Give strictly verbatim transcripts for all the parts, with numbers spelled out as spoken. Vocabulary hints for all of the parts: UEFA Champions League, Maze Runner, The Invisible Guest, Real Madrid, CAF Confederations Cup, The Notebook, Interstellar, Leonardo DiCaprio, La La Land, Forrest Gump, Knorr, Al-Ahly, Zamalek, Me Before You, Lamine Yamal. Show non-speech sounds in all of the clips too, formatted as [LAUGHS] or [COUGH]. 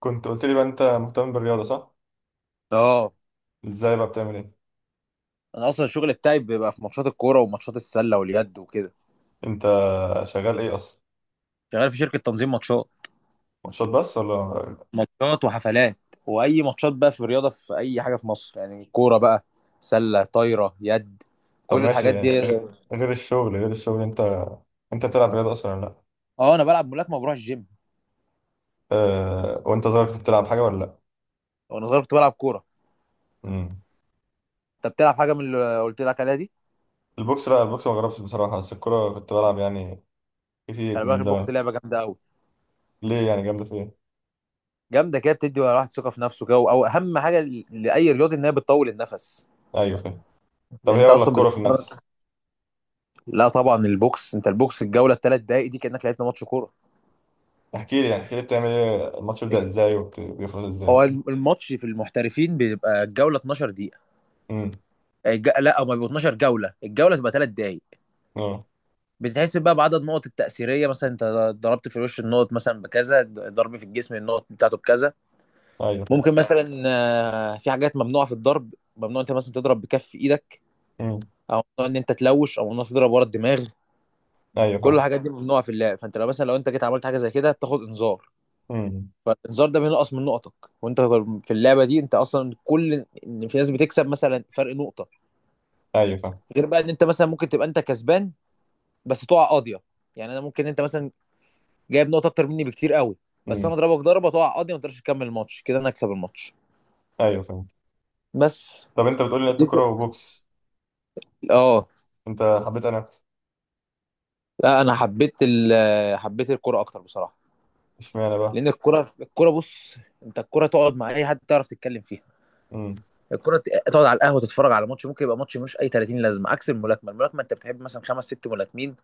كنت قلت لي بقى انت مهتم بالرياضة، صح؟ اه، ازاي بقى بتعمل ايه؟ انا اصلا الشغل بتاعي بيبقى في ماتشات الكوره وماتشات السله واليد وكده. انت شغال ايه اصلا؟ شغال في شركه تنظيم ماتشات. ماتشات بس ولا؟ ماتشات وحفلات، واي ماتشات بقى في الرياضه، في اي حاجه في مصر، يعني كوره بقى، سله، طايره، يد، طب كل ماشي، الحاجات دي. غير غير الشغل غير الشغل انت انت بتلعب رياضة اصلا ولا لا؟ اه، انا بلعب ملاكمه وبروح الجيم. أه... وانت صغير كنت بتلعب حاجة ولا لا؟ وانا صغير كنت بلعب كوره. مم. انت بتلعب حاجه من اللي قلت لك عليها دي؟ البوكس، لا، البوكس ما جربتش بصراحة، بس الكورة كنت بلعب يعني خلي كتير بالك من البوكس زمان. لعبه جامده قوي. ليه يعني جامدة في ايه؟ جامده كده، بتدي الواحد ثقه في نفسه كده، او اهم حاجه ل- لاي رياضي ان هي بتطول النفس، ايوه، فاهم. طب لان هي انت ولا اصلا الكورة في بتتمرن. النفس؟ لا طبعا، البوكس، انت البوكس الجوله الثلاث دقائق دي كانك لعبت ماتش كوره. احكي لي يعني احكي لي بتعمل ايه، الماتش بيبدأ ازاي وبيخلص ازاي؟ هو الماتش في المحترفين بيبقى الجوله اتناشر دقيقه. امم. آه، الج... لا، هما بيبقوا اتناشر جوله، الجوله تبقى ثلاث دقايق. اه. بتتحسب بقى بعدد النقط التاثيريه. مثلا انت ضربت في الوش، النقط مثلا بكذا، ضرب في الجسم، النقط بتاعته بكذا. ايوه، فاهم. ممكن مثلا آه، في حاجات ممنوعه في الضرب. ممنوع انت مثلا تضرب بكف ايدك، امم. او ممنوع ان انت تلوش، او ممنوع تضرب ورا الدماغ. ايوه، كل فاهم. الحاجات دي ممنوعه في اللعب. فانت لو مثلا، لو انت جيت عملت حاجه زي كده، بتاخد انذار. امم. فالانذار ده بينقص من نقطك. وانت في اللعبه دي انت اصلا، كل ان في ناس بتكسب مثلا فرق نقطه، ايوه، فاهم. غير بقى ان انت مثلا ممكن تبقى انت كسبان بس تقع قاضيه. يعني انا ممكن، انت مثلا جايب نقطه اكتر مني بكتير قوي، بس انا اضربك ضربه تقع قاضيه ما تقدرش تكمل الماتش، كده انا اكسب الماتش. ايوه، فهمت. بس. طب انت بتقول لي لعبت دي كوره بتبقى- وبوكس. اه. انت حبيت انا اكتر. لا، انا حبيت ال- حبيت الكوره اكتر بصراحه. اشمعنى بقى؟ لان الكوره، الكوره بص، انت الكوره تقعد مع اي حد تعرف تتكلم فيها. امم. الكوره ت- تقعد على القهوه تتفرج على ماتش، ممكن يبقى ماتش ملوش اي تلاتين لازمه، عكس الملاكمه. الملاكمه انت بتحب مثلا خمس ست ملاكمين،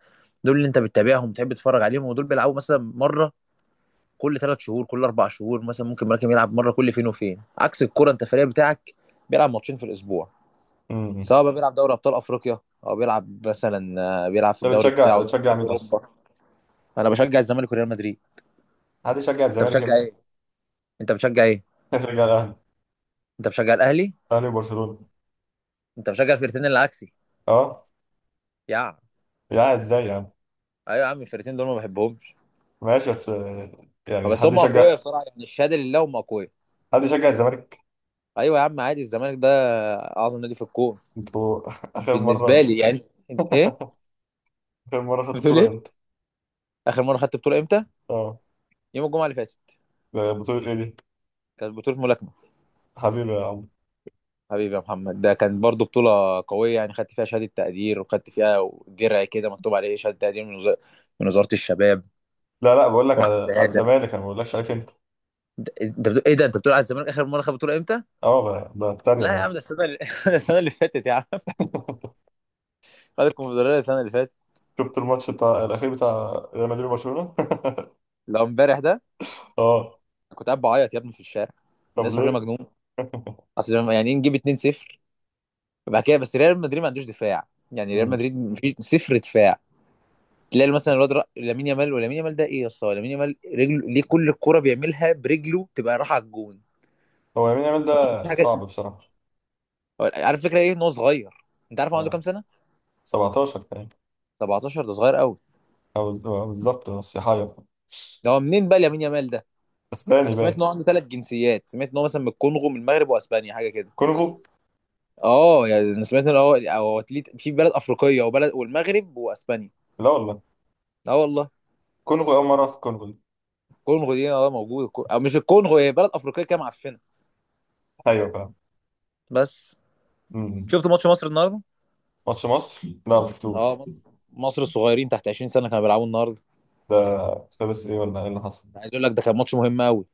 دول اللي انت بتتابعهم، بتحب تتفرج عليهم، ودول بيلعبوا مثلا مره كل ثلاث شهور، كل اربع شهور. مثلا ممكن ملاكم يلعب مره كل فين وفين، عكس الكوره، انت الفريق بتاعك بيلعب ماتشين في الاسبوع، امم. امم. سواء بقى بيلعب دوري ابطال افريقيا، او بيلعب مثلا آه، بيلعب في انت الدوري بتشجع بتاعه، دوري بتشجع ابطال مين اصلا؟ اوروبا. انا بشجع الزمالك وريال مدريد. حد يشجع انت الزمالك يا بتشجع ابني؟ ايه؟ انت بتشجع ايه [LAUGHS] بشجع الاهلي، انت بتشجع الاهلي؟ الاهلي وبرشلونه. انت بتشجع الفرقتين اللي عكسي. اه. يا عم. يا ازاي يا عم؟ ايوه يا عم، الفرقتين دول ما بحبهمش. ماشي بس آه، آه، يعني بس حد هم اقوياء يشجع بصراحه، يعني الشهاده لله هم اقوياء. حد يشجع الزمالك؟ ايوه يا عم، عادي، الزمالك ده اعظم نادي في الكون، انتوا [LAUGHS] اخر بالنسبه مره لي يعني. انت ايه اخر مره خدتوا بتقول؟ بطوله ايه امتى؟ اخر مره خدت بطوله امتى؟ اه. يوم الجمعه اللي فاتت. ده بطوله ايه دي؟ كانت بطولة ملاكمة. حبيبي يا عم. حبيبي يا محمد، ده كانت برضو بطولة قوية يعني، خدت فيها شهادة تقدير، وخدت فيها درع كده مكتوب عليه شهادة تقدير من وزارة من وزارة الشباب. لا، لا، بقول لك واخد على على شهادة. الزمالك، انا ما بقولكش عليك انت. انت انت بتقول ايه؟ ده انت بتقول على الزمالك اخر مرة خد بطولة امتى؟ اه. ب- بتريق لا يا عم، يعني. ده السنة اللي... [LAUGHS] ده السنة اللي فاتت يا عم. خد الكونفدرالية السنة اللي فاتت. شفت الماتش بتاع الاخير بتاع ريال مدريد وبرشلونه [LAUGHS] لو امبارح ده اه. كنت قاعد بعيط يا ابني في الشارع، طب الناس فاكرين ليه؟ مجنون. اصل لما- يعني ايه نجيب اتنين صفر بعد كده؟ بس ريال مدريد ما عندوش دفاع، يعني ريال مم. مدريد مفيش، صفر دفاع. تلاقي مثلا الواد رأ- لامين يامال، ولامين يامال ده ايه يا اسطى! لامين يامال رجله ليه؟ كل الكرة بيعملها برجله تبقى رايحه على الجون. هو يمين يامال مفيش ده حاجه. صعب بصراحة. هو- عارف الفكره ايه؟ ان هو صغير. انت عارف هو عنده هو كام سنه؟ سبعتاشر كمان. سبعتاشر، ده صغير قوي. أو أو بالظبط، بس يحير. ده هو منين بقى لامين يامال ده؟ اسباني انا سمعت باين. ان هو عنده ثلاث جنسيات، سمعت ان هو مثلا من الكونغو، من المغرب واسبانيا، حاجه كده. كونغو؟ اه يعني انا سمعت ان هو هو أتليت- في بلد افريقيه وبلد، والمغرب واسبانيا. لا والله. لا والله. كونغو أول مرة، في كونغو دي؟ الكونغو دي اه موجوده. الكو- او مش الكونغو، هي بلد افريقيه كده معفنه. أيوة، فاهم. بس. مم. شفت ماتش مصر النهارده؟ ماتش مصر؟ لا، ما شفتوش. اه مصر، مصر الصغيرين تحت عشرين سنه كانوا بيلعبوا النهارده. ده خلص إيه، ولا إيه اللي حصل؟ عايز اقول لك ده كان ماتش مهم قوي.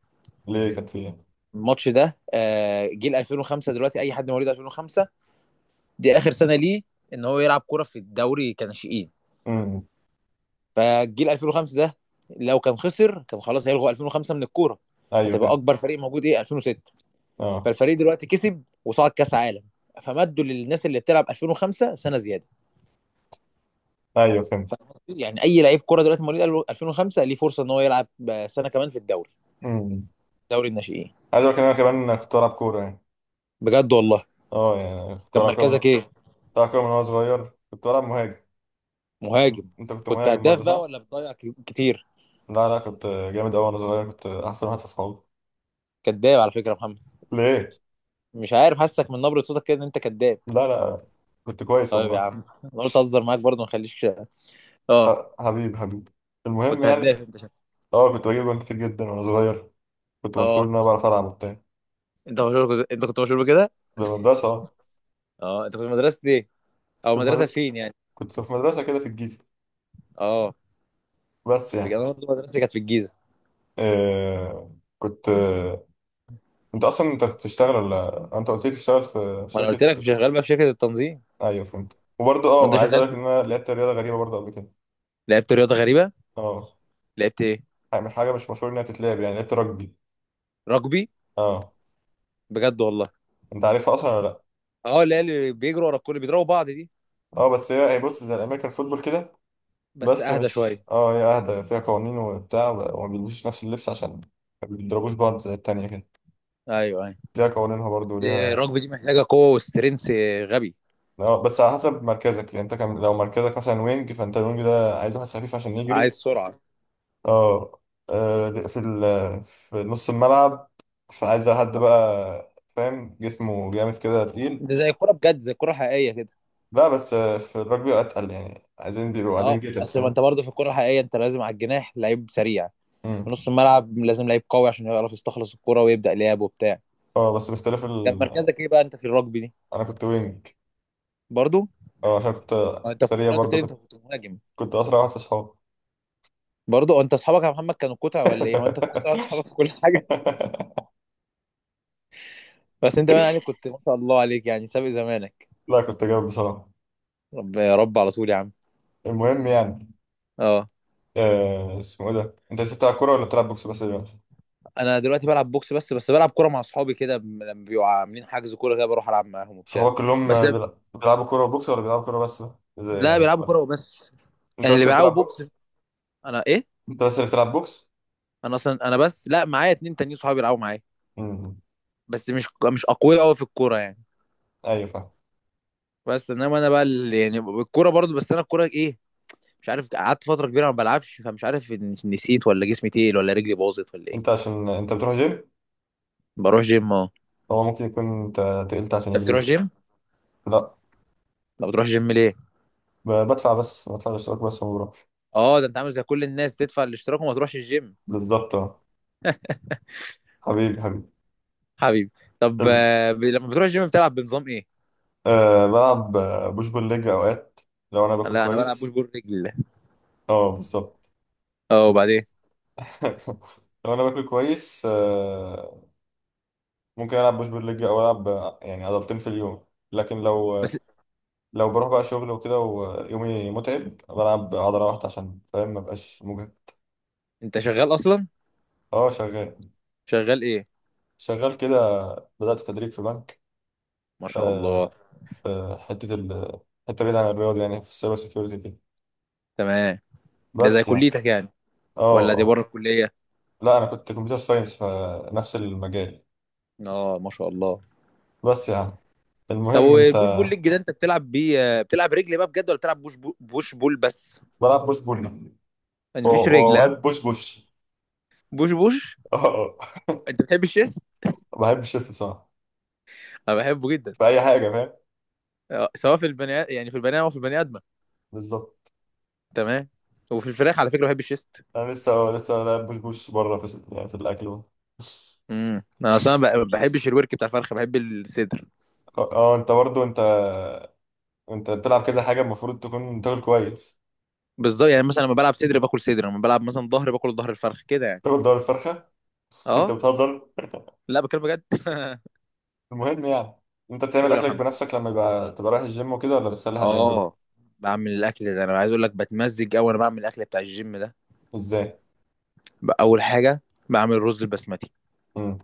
ليه، كان فيه؟ الماتش ده آه، جيل ألفين وخمسة. دلوقتي اي حد مواليد ألفين وخمسة، دي اخر سنه ليه ان هو يلعب كوره في الدوري كناشئين. امم. فجيل الفين وخمسة ده، لو كان خسر كان خلاص هيلغوا الفين وخمسة من الكوره، أيوة، هتبقى فاهم. اكبر فريق موجود ايه، الفين وستة. أه. فالفريق دلوقتي كسب وصعد كاس عالم، فمدوا للناس اللي بتلعب الفين وخمسة سنه زياده. أيوة، فهمت. فاهم قصدي؟ يعني اي لعيب كوره دلوقتي مواليد الفين وخمسة، ليه فرصه ان هو يلعب آه، سنه كمان في الدوري، امم. دوري الناشئين. عايز أقول لك إن أنا كمان كنت بلعب كورة يعني. بجد والله؟ أه يعني كنت كان بلعب كورة من، مركزك ايه؟ بلعب كورة من وأنا صغير كنت بلعب مهاجم. أنت مهاجم. أنت كنت كنت مهاجم هداف برضه، بقى صح؟ ولا بتضيع ك- كتير؟ لا، لا، كنت جامد أوي وأنا صغير، كنت أحسن واحد في أصحابي. كداب على فكره يا محمد. ليه؟ مش عارف، حاسك من نبره صوتك كده ان انت كداب. لا، لا، كنت كويس طيب يا والله. عم، انا قلت اهزر معاك برضه، ما اخليكش. اه. ح- حبيبي، حبيبي. المهم كنت يعني. هداف انت شا- اه، كنت بجيب جوان كتير جدا وانا صغير. كنت مشهور ان اه. انا بعرف العب وبتاع، انت مشهور، انت كنت مشهور بكده. في المدرسة. اه. اه، انت كنت مدرسه ايه، او كنت في مدرسه مد- فين يعني؟ كنت في مدرسة كده في الجيزة، اه، بس يعني انا برضه مدرستي كانت في الجيزه. آه كنت آه انت اصلا انت بتشتغل، ولا انت قلت لي بتشتغل في ما انا قلت شركة؟ لك شغال بقى في شركه التنظيم. ايوه، فهمت. وبرضه وانت اه، عايز شغال اقول لك في... ان انا لعبت رياضة غريبة برضه قبل كده. لعبت رياضه غريبه؟ اه، لعبت ايه؟ يعني حاجة مش مشهور انها تتلعب يعني، لعبت رugby. رugby؟ اه. بجد والله؟ انت عارفها اصلا ولا لا؟ اه، اللي هي اللي بيجروا ورا الكل بيضربوا بعض دي؟ اه، بس هي هي بص زي الامريكان فوتبول كده، بس بس اهدى مش، شويه. اه هي اهدى، فيها قوانين وبتاع، وما بيلبسوش نفس اللبس عشان ما بيضربوش بعض زي التانية كده، ايوه ايوه. ليها قوانينها برضو ليها. الرجبي دي محتاجه قوه وسترينث. غبي. آه، بس على حسب مركزك يعني، انت كان لو مركزك مثلا وينج، فانت الوينج ده عايز واحد خفيف عشان عايز يجري. سرعه. اه. آه، في ال... في نص الملعب فعايز حد بقى، فاهم، جسمه جامد كده تقيل. ده زي الكوره بجد، زي الكوره الحقيقيه كده. لا، بس آه، في الرجبي اتقل، يعني عايزين بيبقوا عايزين اه، جيتد، اصل ما انت فاهم. برضه في الكوره الحقيقيه انت لازم على الجناح لعيب سريع، مم. في نص الملعب لازم لعيب قوي عشان يعرف يستخلص الكوره ويبدا لعب وبتاع. اه، بس باختلاف كان ال... مركزك ايه بقى انت في الرجبي دي؟ انا كنت وينج. برضه؟ اه، عشان كنت هو انت في سريع الكوره انت قلت برضو، لي انت كنت كنت مهاجم، كنت اسرع واحد في اصحابي. برضه؟ هو انت اصحابك يا محمد كانوا كتع ولا ايه، هو انت اصلا [LAUGHS] اصحابك في كل حاجه! [LAUGHS] بس انت بقى يعني كنت ما شاء الله عليك يعني، سابق زمانك. لا، كنت جامد بصراحه. رب يا رب على طول يا عم. المهم يعني. اه. آه اسمه ايه ده، انت لسه بتلعب كوره ولا بتلعب بوكس بس دلوقتي؟ انا دلوقتي بلعب بوكس بس، بس بلعب كوره مع اصحابي كده، ب- لما بيبقوا عاملين حجز كوره كده بروح العب معاهم وبتاع. صحابك كلهم بس آه، ده- بيلع- بيلعبوا كوره وبوكس، ولا بيلعبوا كوره بس بقى؟ زي لا، يعني، بيلعبوا كوره وبس. انت يعني بس اللي اللي بيلعبوا بتلعب بوكس بوكس؟ انا ايه. انت بس اللي بتلعب بوكس. انا اصلا، انا بس، لا معايا اتنين تانيين صحابي بيلعبوا معايا. امم. بس مش، مش اقوياء قوي في الكوره يعني. ايوه، فاهم. بس انما انا بقى ال- يعني الكوره برضو، بس انا الكوره ايه، مش عارف، قعدت فتره كبيره ما بلعبش، فمش عارف إن- نسيت ولا جسمي تقيل ولا رجلي باظت ولا ايه. انت عشان انت بتروح جيم، بروح جيم، اه. هو ممكن يكون انت تقلت عشان انت بتروح الجيم. جيم؟ لا، لا، بتروح جيم ليه؟ ب- بدفع بس، بدفع الاشتراك بس وما بروحش. اه، ده انت عامل زي كل الناس، تدفع الاشتراك وما تروحش الجيم. بالظبط. اه. حبيبي، حبيبي. طب حبيبي. آه، ب- لما بتروح الجيم بتلعب بنظام ايه؟ أه بلعب آه، بوش بول ليج اوقات، لو انا باكل لا انا بلعب بوش كويس. بول رجل. اه، بالظبط. اه، [LAUGHS] وبعدين؟ لو انا باكل كويس، أه، ممكن العب بوش بول ليج، او العب آه، يعني عضلتين في اليوم. لكن لو بس. آه، لو بروح بقى شغل وكده ويومي متعب، بلعب عضله واحده عشان، فاهم، ما بقاش مجهد. انت شغال اصلا؟ اه، شغال. شغال ايه؟ شغال كده، بدات تدريب في بنك. ما شاء الله. أه، في حته ال حته بعيده عن الرياضه، يعني في السايبر سيكيورتي كده. تمام. ده زي بس يعني. كليتك يعني، اه، ولا دي بره اه. الكلية؟ لا، انا كنت كمبيوتر ساينس، فنفس المجال. اه، ما شاء الله. بس يا عم. طب المهم انت. والبوش بول ليج ده، انت بتلعب بيه آه، بتلعب رجل بقى بجد، ولا بتلعب بوش بول، بوش بول بس؟ بلعب بوش بول و- يعني مفيش رجل ها؟ واوقات بوش بوش. بوش بوش؟ [LAUGHS] اه. أه. انت بتحب الشيست؟ ما بحبش الشيست بصراحه، انا بحبه جدا. في اي حاجه، فاهم. آه، سواء في البني، يعني في البني ادم او في البني ادمه. بالظبط. تمام. وفي الفراخ على فكرة بحب الشيست. انا لسه أه، لسه لاعب بوش بوش بره، في يعني في الاكل بقى. امم. انا اصلا ما بحبش الورك بتاع الفرخ، بحب الصدر. اه، اه، انت برضو، انت انت بتلعب كذا حاجه، المفروض تكون تاكل كويس. بالظبط، يعني مثلا لما بلعب صدر باكل صدر، لما بلعب مثلا ظهر باكل ظهر الفرخ كده يعني. تاكل دور الفرخه؟ [LAUGHS] انت اه. بتهزر. لا، بكلم بجد. [LAUGHS] المهم يعني. انت بتعمل قول يا اكلك محمد. بنفسك لما يبقى تبقى رايح الجيم وكده، ولا بتخلي حد يعمله؟ اه. بعمل الاكل، ده انا عايز اقول لك بتمزج قوي، وانا بعمل الاكل بتاع الجيم ده. ازاي؟ ب- اول حاجه بعمل رز البسمتي. امم.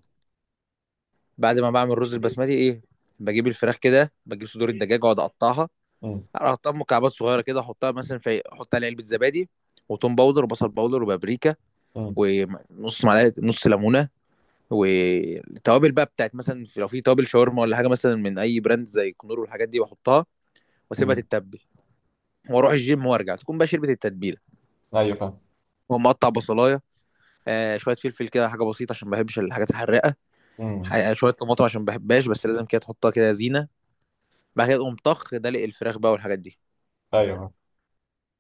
بعد ما بعمل رز البسمتي ايه، بجيب الفراخ كده، بجيب صدور الدجاج واقعد اقطعها. امم. اقطعها مكعبات صغيره كده، احطها مثلا في، احط عليها علبه زبادي، وتوم باودر، وبصل باودر، وبابريكا، امم. ونص معلقه، نص ليمونه، والتوابل بقى بتاعت مثلا، في- لو في توابل شاورما، ولا حاجه مثلا من اي براند زي كنور والحاجات دي بحطها، واسيبها امم. تتبل، واروح الجيم وارجع تكون بقى شربت التتبيله. ايوه، فاهم. واقوم مقطع بصلايه، آه، شويه فلفل كده حاجه بسيطه عشان ما بحبش الحاجات الحراقه. امم. ح- شويه طماطم عشان ما بحبهاش، بس لازم كده تحطها كده زينه. بعد كده تقوم طخ دلق الفراخ بقى والحاجات دي، ايوه، فاهم.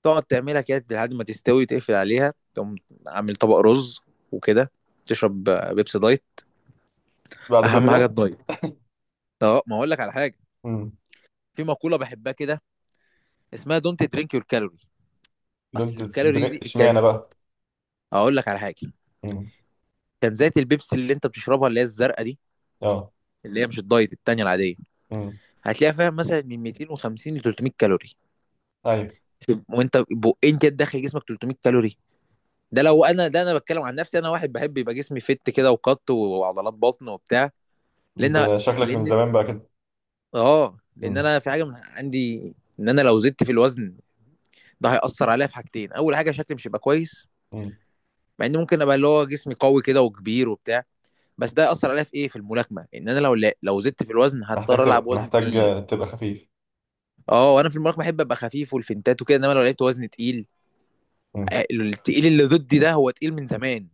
تقعد تعملها كده لحد ما تستوي، وتقفل عليها، تقوم عامل طبق رز وكده، تشرب آه، بيبسي دايت. بعد كل اهم حاجه ده؟ الدايت. اه، ما اقول لك على حاجه. إمم. في مقوله بحبها كده، اسمها دونت درينك يور كالوري. اصل دولت الكالوري درينك؟ دي كان، اشمعنى بقى؟ هقول لك على حاجه. مم. كان زيت البيبسي اللي انت بتشربها، اللي هي الزرقاء دي، اه. اللي هي مش الدايت، التانية العادية، مم. هتلاقيها فيها مثلا من مئتين وخمسين ل تلتمية كالوري. طيب. وانت بقين كده داخل جسمك ثلاثمائة كالوري. ده لو انا، ده انا بتكلم عن نفسي، انا واحد بحب يبقى جسمي فت كده وقط وعضلات بطن وبتاع، لان، انت شكلك من لان زمان بقى كده. اه لان مم. انا في حاجه من عندي، ان انا لو زدت في الوزن ده هيأثر عليا في حاجتين. اول حاجه شكلي مش هيبقى كويس، مم. مع ان ممكن ابقى اللي هو جسمي قوي كده وكبير وبتاع، بس ده اثر عليا في ايه، في الملاكمه. ان انا لو لا لو زدت في الوزن محتاج هضطر العب تبقى وزن محتاج تقيل. آه، تبقى خفيف. اه، وانا في الملاكمه احب ابقى خفيف والفنتات وكده، انما لو لعبت وزن تقيل، مم. آه، التقيل اللي ضدي ده هو تقيل من زمان،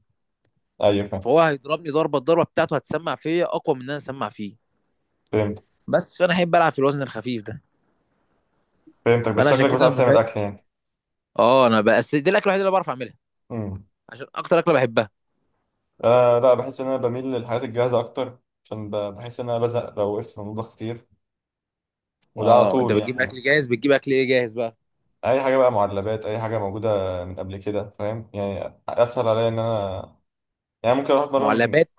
ايوه، فاهم. فهو هيضربني ضربه، الضربه بتاعته هتسمع فيا اقوى من ان انا اسمع فيه. فهمت. بس. فانا احب العب في الوزن الخفيف ده، فهمتك، بس فانا عشان شكلك كده بتعرف ما تعمل بحب. اكل يعني. اه، انا بس دي الاكله الوحيده اللي بعرف اعملها، مم. عشان اكتر اكله بحبها. انا لا، بحس ان انا بميل للحاجات الجاهزه اكتر، عشان ب- بحس ان انا بزهق لو وقفت في المطبخ كتير، وده على اه، انت طول بتجيب يعني. اكل جاهز، بتجيب اكل ايه جاهز بقى؟ اي حاجه بقى، معلبات، اي حاجه موجوده من قبل كده، فاهم، يعني اسهل عليا ان انا، يعني ممكن اروح اتمرن من، معلبات؟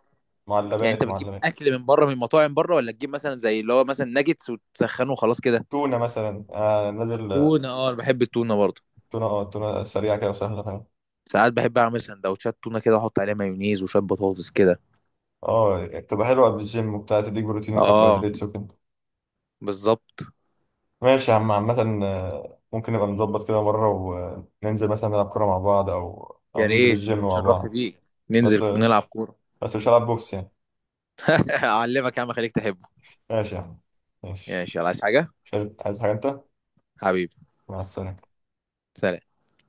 يعني انت معلبات. بتجيب معلبات. اكل من بره، من مطاعم بره، ولا تجيب مثلا زي اللي هو مثلا ناجتس وتسخنه وخلاص كده؟ تونه مثلا آه نازل. تونة، اه انا بحب التونة برضه. تونة، اه، تونة سريعة كده وسهلة، فاهم. ساعات بحب اعمل سندوتشات تونة كده، واحط عليها مايونيز وشوية بطاطس كده. اه، يعني بتبقى حلوة قبل الجيم وبتاع، تديك بروتين اه وكربوهيدرات وكده. بالظبط. ماشي يا عم. عامة آه، ممكن نبقى نظبط كده مرة وننزل مثلا نلعب كورة مع بعض، أو أو يا ننزل ريت، الجيم ده مع اتشرفت بعض. بيك. ننزل بس نلعب كورة. بس مش هلعب بوكس يعني. [LAUGHS] اعلمك يا عم، خليك تحبه. ماشي يا عم. ماشي ماشي. يلا، عايز حاجة؟ مش عايز. عايز حاجة أنت؟ حبيبي. مع السلامة. سلام.